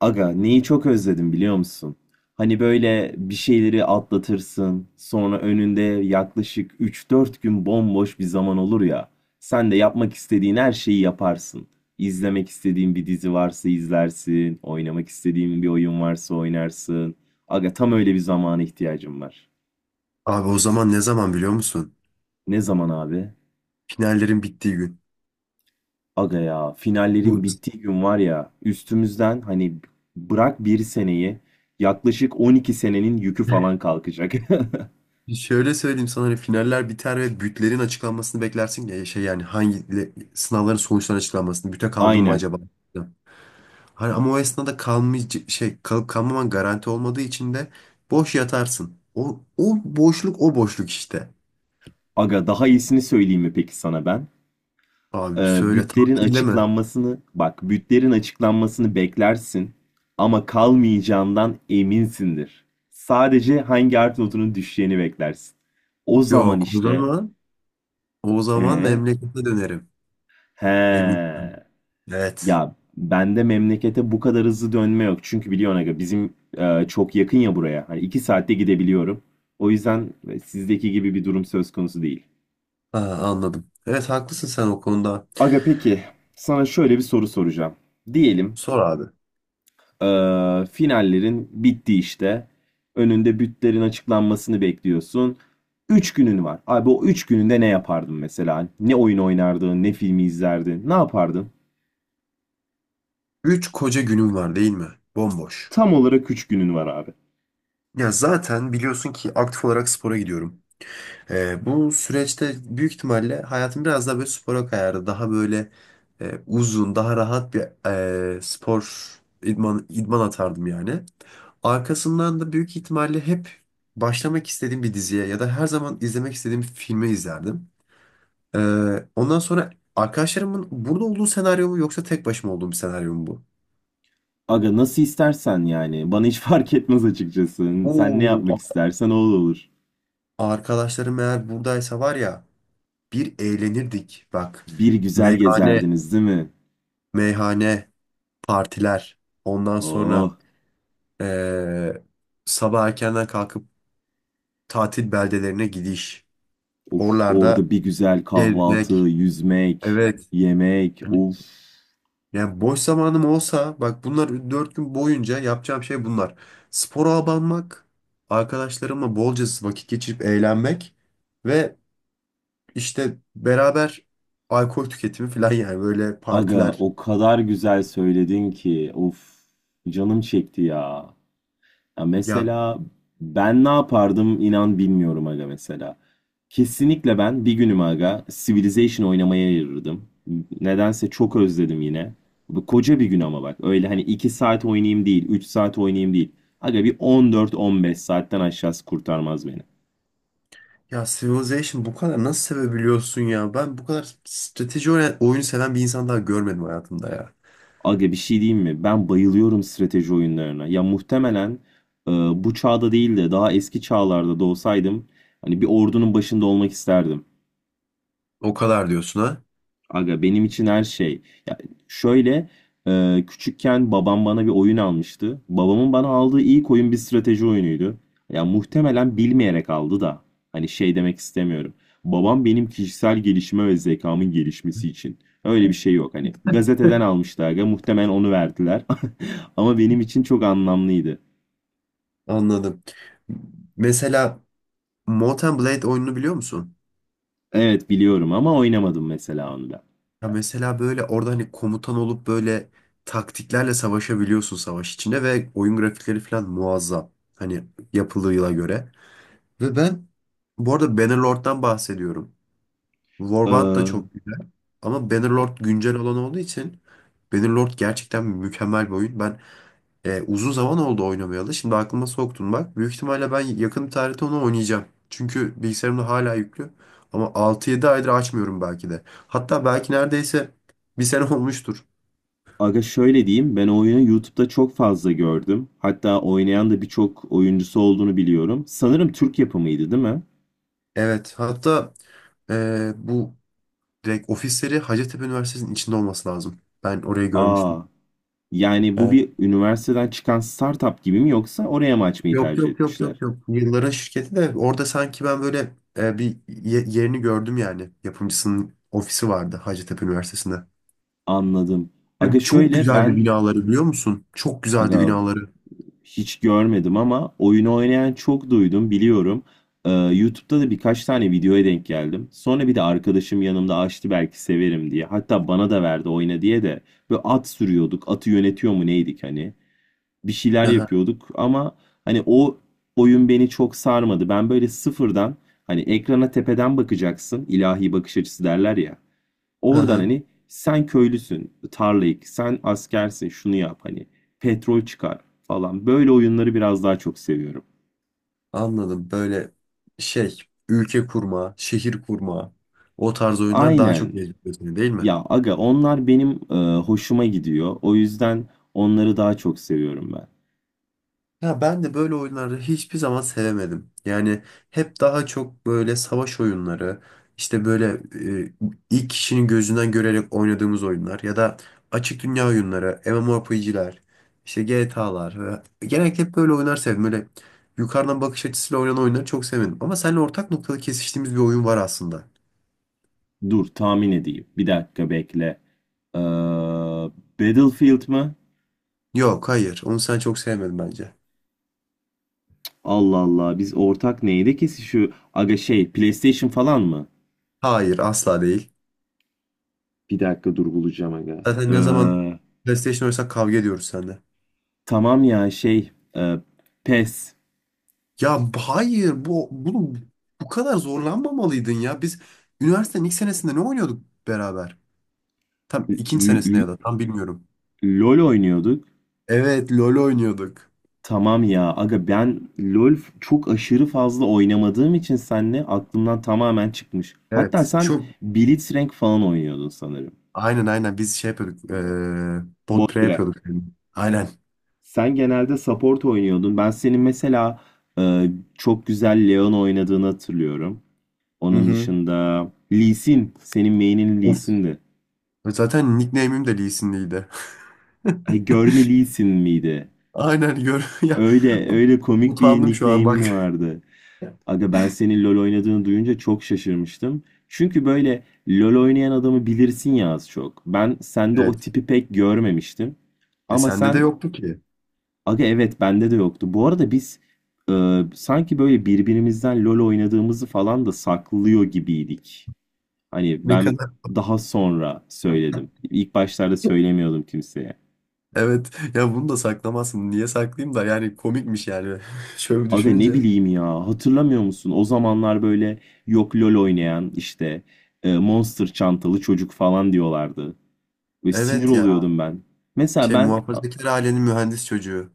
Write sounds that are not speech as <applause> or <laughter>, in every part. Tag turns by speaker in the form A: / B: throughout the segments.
A: Aga neyi çok özledim biliyor musun? Hani böyle bir şeyleri atlatırsın, sonra önünde yaklaşık 3-4 gün bomboş bir zaman olur ya. Sen de yapmak istediğin her şeyi yaparsın. İzlemek istediğin bir dizi varsa izlersin, oynamak istediğin bir oyun varsa oynarsın. Aga tam öyle bir zamana ihtiyacım var.
B: Abi o zaman ne zaman biliyor musun?
A: Ne zaman abi?
B: Finallerin bittiği gün.
A: Aga ya finallerin
B: Bu
A: bittiği gün var ya üstümüzden hani bırak bir seneyi yaklaşık 12 senenin yükü falan kalkacak. <laughs>
B: Şöyle söyleyeyim sana. Hani finaller biter ve bütlerin açıklanmasını beklersin ya, şey, yani hangi sınavların sonuçlarının açıklanmasını. Büte kaldım mı
A: Aynen.
B: acaba? Hani ama o esnada kalmayacak, şey, kalıp kalmaman garanti olmadığı için de boş yatarsın. O boşluk, o boşluk işte.
A: Aga daha iyisini söyleyeyim mi peki sana ben?
B: Abi
A: Ee,
B: söyle,
A: bütlerin
B: tatille mi?
A: açıklanmasını, bak bütlerin açıklanmasını beklersin ama kalmayacağından eminsindir. Sadece hangi art notunun düşeceğini beklersin. O zaman
B: Yok, o
A: işte.
B: zaman o zaman
A: ee,
B: memlekete dönerim.
A: he
B: Eminim. Evet.
A: ya bende memlekete bu kadar hızlı dönme yok. Çünkü biliyorsun aga bizim çok yakın ya buraya. Hani 2 saatte gidebiliyorum. O yüzden sizdeki gibi bir durum söz konusu değil.
B: Ha, anladım. Evet, haklısın sen o konuda.
A: Aga peki sana şöyle bir soru soracağım. Diyelim
B: Sor abi.
A: eee, finallerin bitti işte. Önünde bütlerin açıklanmasını bekliyorsun. 3 günün var. Abi o 3 gününde ne yapardın mesela? Ne oyun oynardın, ne filmi izlerdin, ne yapardın?
B: Üç koca günüm var değil mi? Bomboş.
A: Tam olarak 3 günün var abi.
B: Ya zaten biliyorsun ki aktif olarak spora gidiyorum. Bu süreçte büyük ihtimalle hayatım biraz daha böyle spora kayardı. Daha böyle uzun, daha rahat bir spor, idman atardım yani. Arkasından da büyük ihtimalle hep başlamak istediğim bir diziye ya da her zaman izlemek istediğim bir filmi izlerdim. Ee, Ondan sonra, arkadaşlarımın burada olduğu senaryo mu, yoksa tek başıma olduğum bir senaryo mu bu?
A: Aga nasıl istersen yani. Bana hiç <laughs> fark etmez açıkçası. Sen ne
B: Oo,
A: yapmak istersen o olur.
B: arkadaşlarım eğer buradaysa var ya, bir eğlenirdik bak.
A: Bir güzel
B: Meyhane,
A: gezerdiniz değil mi?
B: meyhane, partiler. Ondan sonra
A: Oh.
B: eee, sabah erkenden kalkıp tatil beldelerine gidiş.
A: Of
B: Oralarda
A: orada bir güzel kahvaltı,
B: gezmek.
A: yüzmek,
B: Evet.
A: yemek.
B: Hani,
A: Of
B: yani boş zamanım olsa bak, bunlar dört gün boyunca yapacağım şey bunlar. Spora abanmak, arkadaşlarımla bolca vakit geçirip eğlenmek ve İşte beraber alkol tüketimi falan, yani böyle
A: aga
B: partiler.
A: o kadar güzel söyledin ki. Of canım çekti ya. Ya
B: Ya,
A: mesela ben ne yapardım inan bilmiyorum aga mesela. Kesinlikle ben bir günüm aga Civilization oynamaya ayırırdım. Nedense çok özledim yine. Bu koca bir gün ama bak öyle hani 2 saat oynayayım değil, 3 saat oynayayım değil. Aga bir 14-15 saatten aşağısı kurtarmaz beni.
B: ya Civilization bu kadar nasıl sevebiliyorsun ya? Ben bu kadar strateji oyunu seven bir insan daha görmedim hayatımda ya.
A: Aga bir şey diyeyim mi? Ben bayılıyorum strateji oyunlarına. Ya muhtemelen bu çağda değil de daha eski çağlarda da olsaydım hani bir ordunun başında olmak isterdim.
B: O kadar diyorsun ha?
A: Aga benim için her şey. Ya şöyle küçükken babam bana bir oyun almıştı. Babamın bana aldığı ilk oyun bir strateji oyunuydu. Ya muhtemelen bilmeyerek aldı da. Hani şey demek istemiyorum. Babam benim kişisel gelişime ve zekamın gelişmesi için. Öyle bir şey yok hani. Gazeteden almıştı aga. Muhtemelen onu verdiler. <laughs> Ama benim için çok anlamlıydı.
B: Anladım. Mesela Mortal Blade oyununu biliyor musun?
A: Evet biliyorum ama oynamadım mesela onu da.
B: Ya mesela böyle orada hani komutan olup böyle taktiklerle savaşabiliyorsun savaş içinde, ve oyun grafikleri falan muazzam. Hani yapılığıyla göre. Ve ben bu arada Bannerlord'dan bahsediyorum. Warband da
A: Ee,
B: çok güzel. Ama Bannerlord güncel olan olduğu için, Bannerlord gerçekten mükemmel bir oyun. Ben, uzun zaman oldu oynamayalı. Şimdi aklıma soktun bak. Büyük ihtimalle ben yakın bir tarihte onu oynayacağım. Çünkü bilgisayarımda hala yüklü. Ama altı yedi aydır açmıyorum belki de. Hatta belki neredeyse bir sene <laughs> olmuştur.
A: Aga şöyle diyeyim, ben oyunu YouTube'da çok fazla gördüm. Hatta oynayan da birçok oyuncusu olduğunu biliyorum. Sanırım Türk yapımıydı, değil mi?
B: Evet. Hatta bu direkt ofisleri Hacettepe Üniversitesi'nin içinde olması lazım. Ben orayı
A: Aa,
B: görmüştüm.
A: yani bu
B: Yani
A: bir üniversiteden çıkan startup gibi mi yoksa oraya mı açmayı
B: Yok
A: tercih
B: yok yok yok
A: etmişler?
B: yok. Yılların şirketi de orada sanki, ben böyle bir yerini gördüm yani. Yapımcısının ofisi vardı Hacettepe Üniversitesi'nde.
A: Anladım.
B: Ve
A: Aga
B: çok
A: şöyle
B: güzeldi
A: ben,
B: binaları biliyor musun? Çok güzeldi
A: aga
B: binaları.
A: hiç görmedim ama oyunu oynayan çok duydum biliyorum. YouTube'da da birkaç tane videoya denk geldim. Sonra bir de arkadaşım yanımda açtı belki severim diye. Hatta bana da verdi oyna diye de. Böyle at sürüyorduk. Atı yönetiyor mu neydik hani. Bir şeyler
B: Aha,
A: yapıyorduk ama hani o oyun beni çok sarmadı. Ben böyle sıfırdan hani ekrana tepeden bakacaksın, ilahi bakış açısı derler ya. Oradan
B: aha,
A: hani sen köylüsün, tarlayık, sen askersin, şunu yap hani petrol çıkar falan. Böyle oyunları biraz daha çok seviyorum.
B: anladım. Böyle, şey, ülke kurma, şehir kurma, o tarz oyunlar daha çok
A: Aynen.
B: cezbediyor seni değil mi?
A: Ya aga onlar benim hoşuma gidiyor. O yüzden onları daha çok seviyorum ben.
B: Ya ben de böyle oyunları hiçbir zaman sevemedim. Yani hep daha çok böyle savaş oyunları, işte böyle e, ilk kişinin gözünden görerek oynadığımız oyunlar, ya da açık dünya oyunları, MMORPG'ler, işte GTA'lar. Genellikle hep böyle oyunlar sevdim. Böyle yukarıdan bakış açısıyla oynanan oyunları çok sevmedim. Ama seninle ortak noktada kesiştiğimiz bir oyun var aslında.
A: Dur tahmin edeyim. Bir dakika bekle. Ee, Battlefield mı?
B: Yok, hayır. Onu sen çok sevmedin bence.
A: Allah Allah biz ortak neydi ki şu aga şey PlayStation falan mı?
B: Hayır, asla değil.
A: Bir dakika dur bulacağım aga.
B: Zaten ne zaman PlayStation oynasak kavga ediyoruz seninle.
A: Tamam ya şey e, PES.
B: Hayır, bunu bu kadar zorlanmamalıydın ya. Biz üniversitenin ilk senesinde ne oynuyorduk beraber? Tam
A: L-
B: ikinci senesinde ya
A: L-
B: da, tam bilmiyorum.
A: LoL oynuyorduk.
B: Evet, LoL oynuyorduk.
A: Tamam ya aga ben LoL çok aşırı fazla oynamadığım için senle aklımdan tamamen çıkmış. Hatta
B: Evet,
A: sen
B: çok,
A: Blitzcrank falan oynuyordun sanırım.
B: aynen, biz şey yapıyorduk. E, bot
A: Bot
B: pre
A: bire.
B: yapıyorduk. Yani. Aynen.
A: Sen genelde support oynuyordun. Ben senin mesela e, çok güzel Leon oynadığını hatırlıyorum.
B: Hı
A: Onun
B: hı.
A: dışında Lee Sin. Senin main'in Lee
B: Of.
A: Sin'di.
B: Zaten nickname'im de Lee Sin'liydi. <laughs>
A: Ay, görme Lee Sin miydi?
B: Aynen gör <laughs> ya.
A: Öyle öyle komik bir
B: Utandım şu an
A: nickname'in
B: bak.
A: vardı. Aga ben senin LoL oynadığını duyunca çok şaşırmıştım. Çünkü böyle LoL oynayan adamı bilirsin ya az çok. Ben sende o
B: Evet.
A: tipi pek görmemiştim.
B: E
A: Ama
B: sende de
A: sen
B: yoktu ki.
A: Aga evet bende de yoktu. Bu arada biz sanki böyle birbirimizden LoL oynadığımızı falan da saklıyor gibiydik. Hani
B: Ne
A: ben
B: kadar.
A: daha sonra söyledim. İlk başlarda söylemiyordum kimseye.
B: Evet ya, bunu da saklamazsın. Niye saklayayım da, yani komikmiş yani. <laughs> Şöyle
A: Aga ne
B: düşününce.
A: bileyim ya hatırlamıyor musun? O zamanlar böyle yok LOL oynayan işte Monster çantalı çocuk falan diyorlardı. Ve sinir
B: Evet ya,
A: oluyordum ben. Mesela
B: şey,
A: ben
B: muhafazakar ailenin mühendis çocuğu.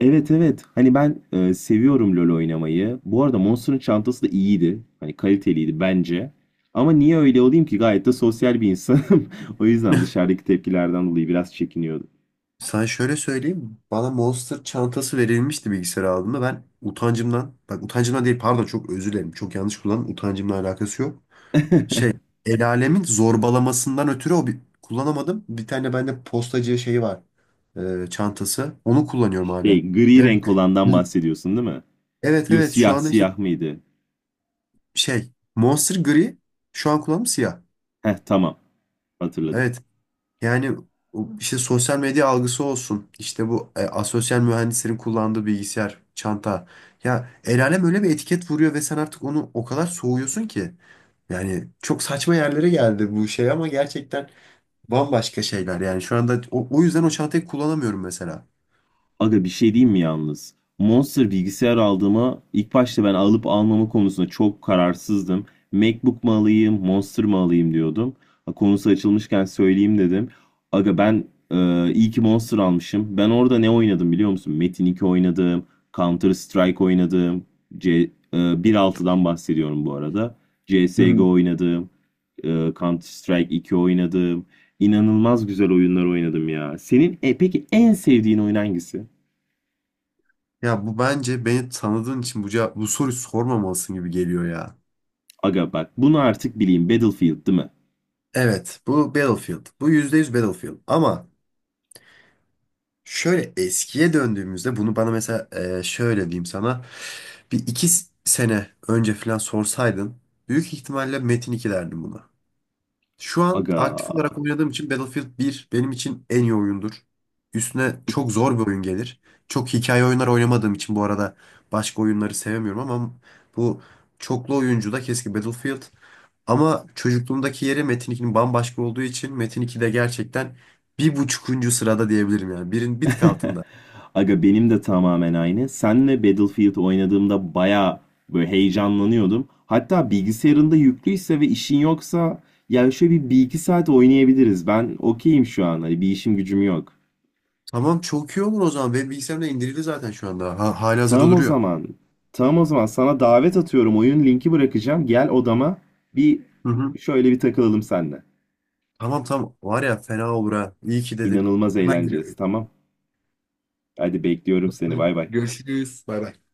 A: evet evet hani ben seviyorum LOL oynamayı. Bu arada Monster'ın çantası da iyiydi. Hani kaliteliydi bence. Ama niye öyle olayım ki gayet de sosyal bir insanım. <laughs> O yüzden
B: <laughs>
A: dışarıdaki tepkilerden dolayı biraz çekiniyordum.
B: Sana şöyle söyleyeyim. Bana Monster çantası verilmişti bilgisayar aldığımda. Ben utancımdan, bak utancımdan değil, pardon, çok özür dilerim. Çok yanlış kullandım. Utancımla alakası yok.
A: <laughs>
B: Şey, el alemin zorbalamasından ötürü o bir, kullanamadım. Bir tane bende postacı şeyi var. Çantası. Onu kullanıyorum hala.
A: Şey gri
B: Yani
A: renk olandan bahsediyorsun değil mi?
B: evet
A: Yo,
B: evet şu
A: siyah
B: anda işte,
A: siyah mıydı?
B: şey, Monster gri, şu an kulağım siyah.
A: Heh, tamam hatırladım.
B: Evet, yani o işte sosyal medya algısı olsun, işte bu asosyal mühendislerin kullandığı bilgisayar çanta, ya el alem öyle bir etiket vuruyor ve sen artık onu o kadar soğuyorsun ki, yani çok saçma yerlere geldi bu şey, ama gerçekten bambaşka şeyler yani şu anda, o yüzden o çantayı kullanamıyorum mesela.
A: Aga bir şey diyeyim mi yalnız? Monster bilgisayar aldığıma ilk başta ben alıp almama konusunda çok kararsızdım. MacBook mu alayım, Monster mı alayım diyordum. Ha, konusu açılmışken söyleyeyim dedim. Aga ben iyi ki Monster almışım. Ben orada ne oynadım biliyor musun? Metin 2 oynadım, Counter Strike oynadım, C, 1.6'dan bahsediyorum bu arada.
B: Hı
A: CSGO
B: hı.
A: oynadım, e, Counter Strike 2 oynadım. İnanılmaz güzel oyunlar oynadım ya. Senin peki en sevdiğin oyun hangisi?
B: Ya bu, bence beni tanıdığın için bu, bu soruyu sormamalısın gibi geliyor ya.
A: Aga bak bunu artık bileyim. Battlefield değil mi?
B: Evet, bu Battlefield, bu %100 Battlefield, ama şöyle eskiye döndüğümüzde bunu bana, mesela, şöyle diyeyim sana, bir iki sene önce falan sorsaydın, büyük ihtimalle Metin 2 derdim buna. Şu an
A: Aga.
B: aktif
A: <laughs>
B: olarak oynadığım için Battlefield bir benim için en iyi oyundur. Üstüne çok zor bir oyun gelir. Çok hikaye oyunlar oynamadığım için bu arada başka oyunları sevmiyorum, ama bu çoklu oyuncu da keşke Battlefield. Ama çocukluğumdaki yeri Metin 2'nin bambaşka olduğu için, Metin 2 de gerçekten bir buçukuncu sırada diyebilirim yani. Birin bir tık altında.
A: Aga benim de tamamen aynı. Senle Battlefield oynadığımda bayağı böyle heyecanlanıyordum. Hatta bilgisayarında yüklüyse ve işin yoksa ya şöyle bir iki saat oynayabiliriz. Ben okeyim şu an. Hani bir işim gücüm yok.
B: Tamam, çok iyi olur o zaman. Benim bilgisayarımda indirildi zaten şu anda. Ha, hali hazırda
A: Tamam o
B: duruyor.
A: zaman. Tamam o zaman sana davet atıyorum. Oyun linki bırakacağım. Gel odama bir
B: Hı hı.
A: şöyle bir takılalım seninle.
B: Tamam, tamam. Var ya, fena olur ha. İyi ki dedim.
A: İnanılmaz
B: Hemen
A: eğleneceğiz.
B: geliyorum.
A: Tamam. Hadi bekliyorum seni.
B: Hadi
A: Bay bay.
B: görüşürüz. Bay bay.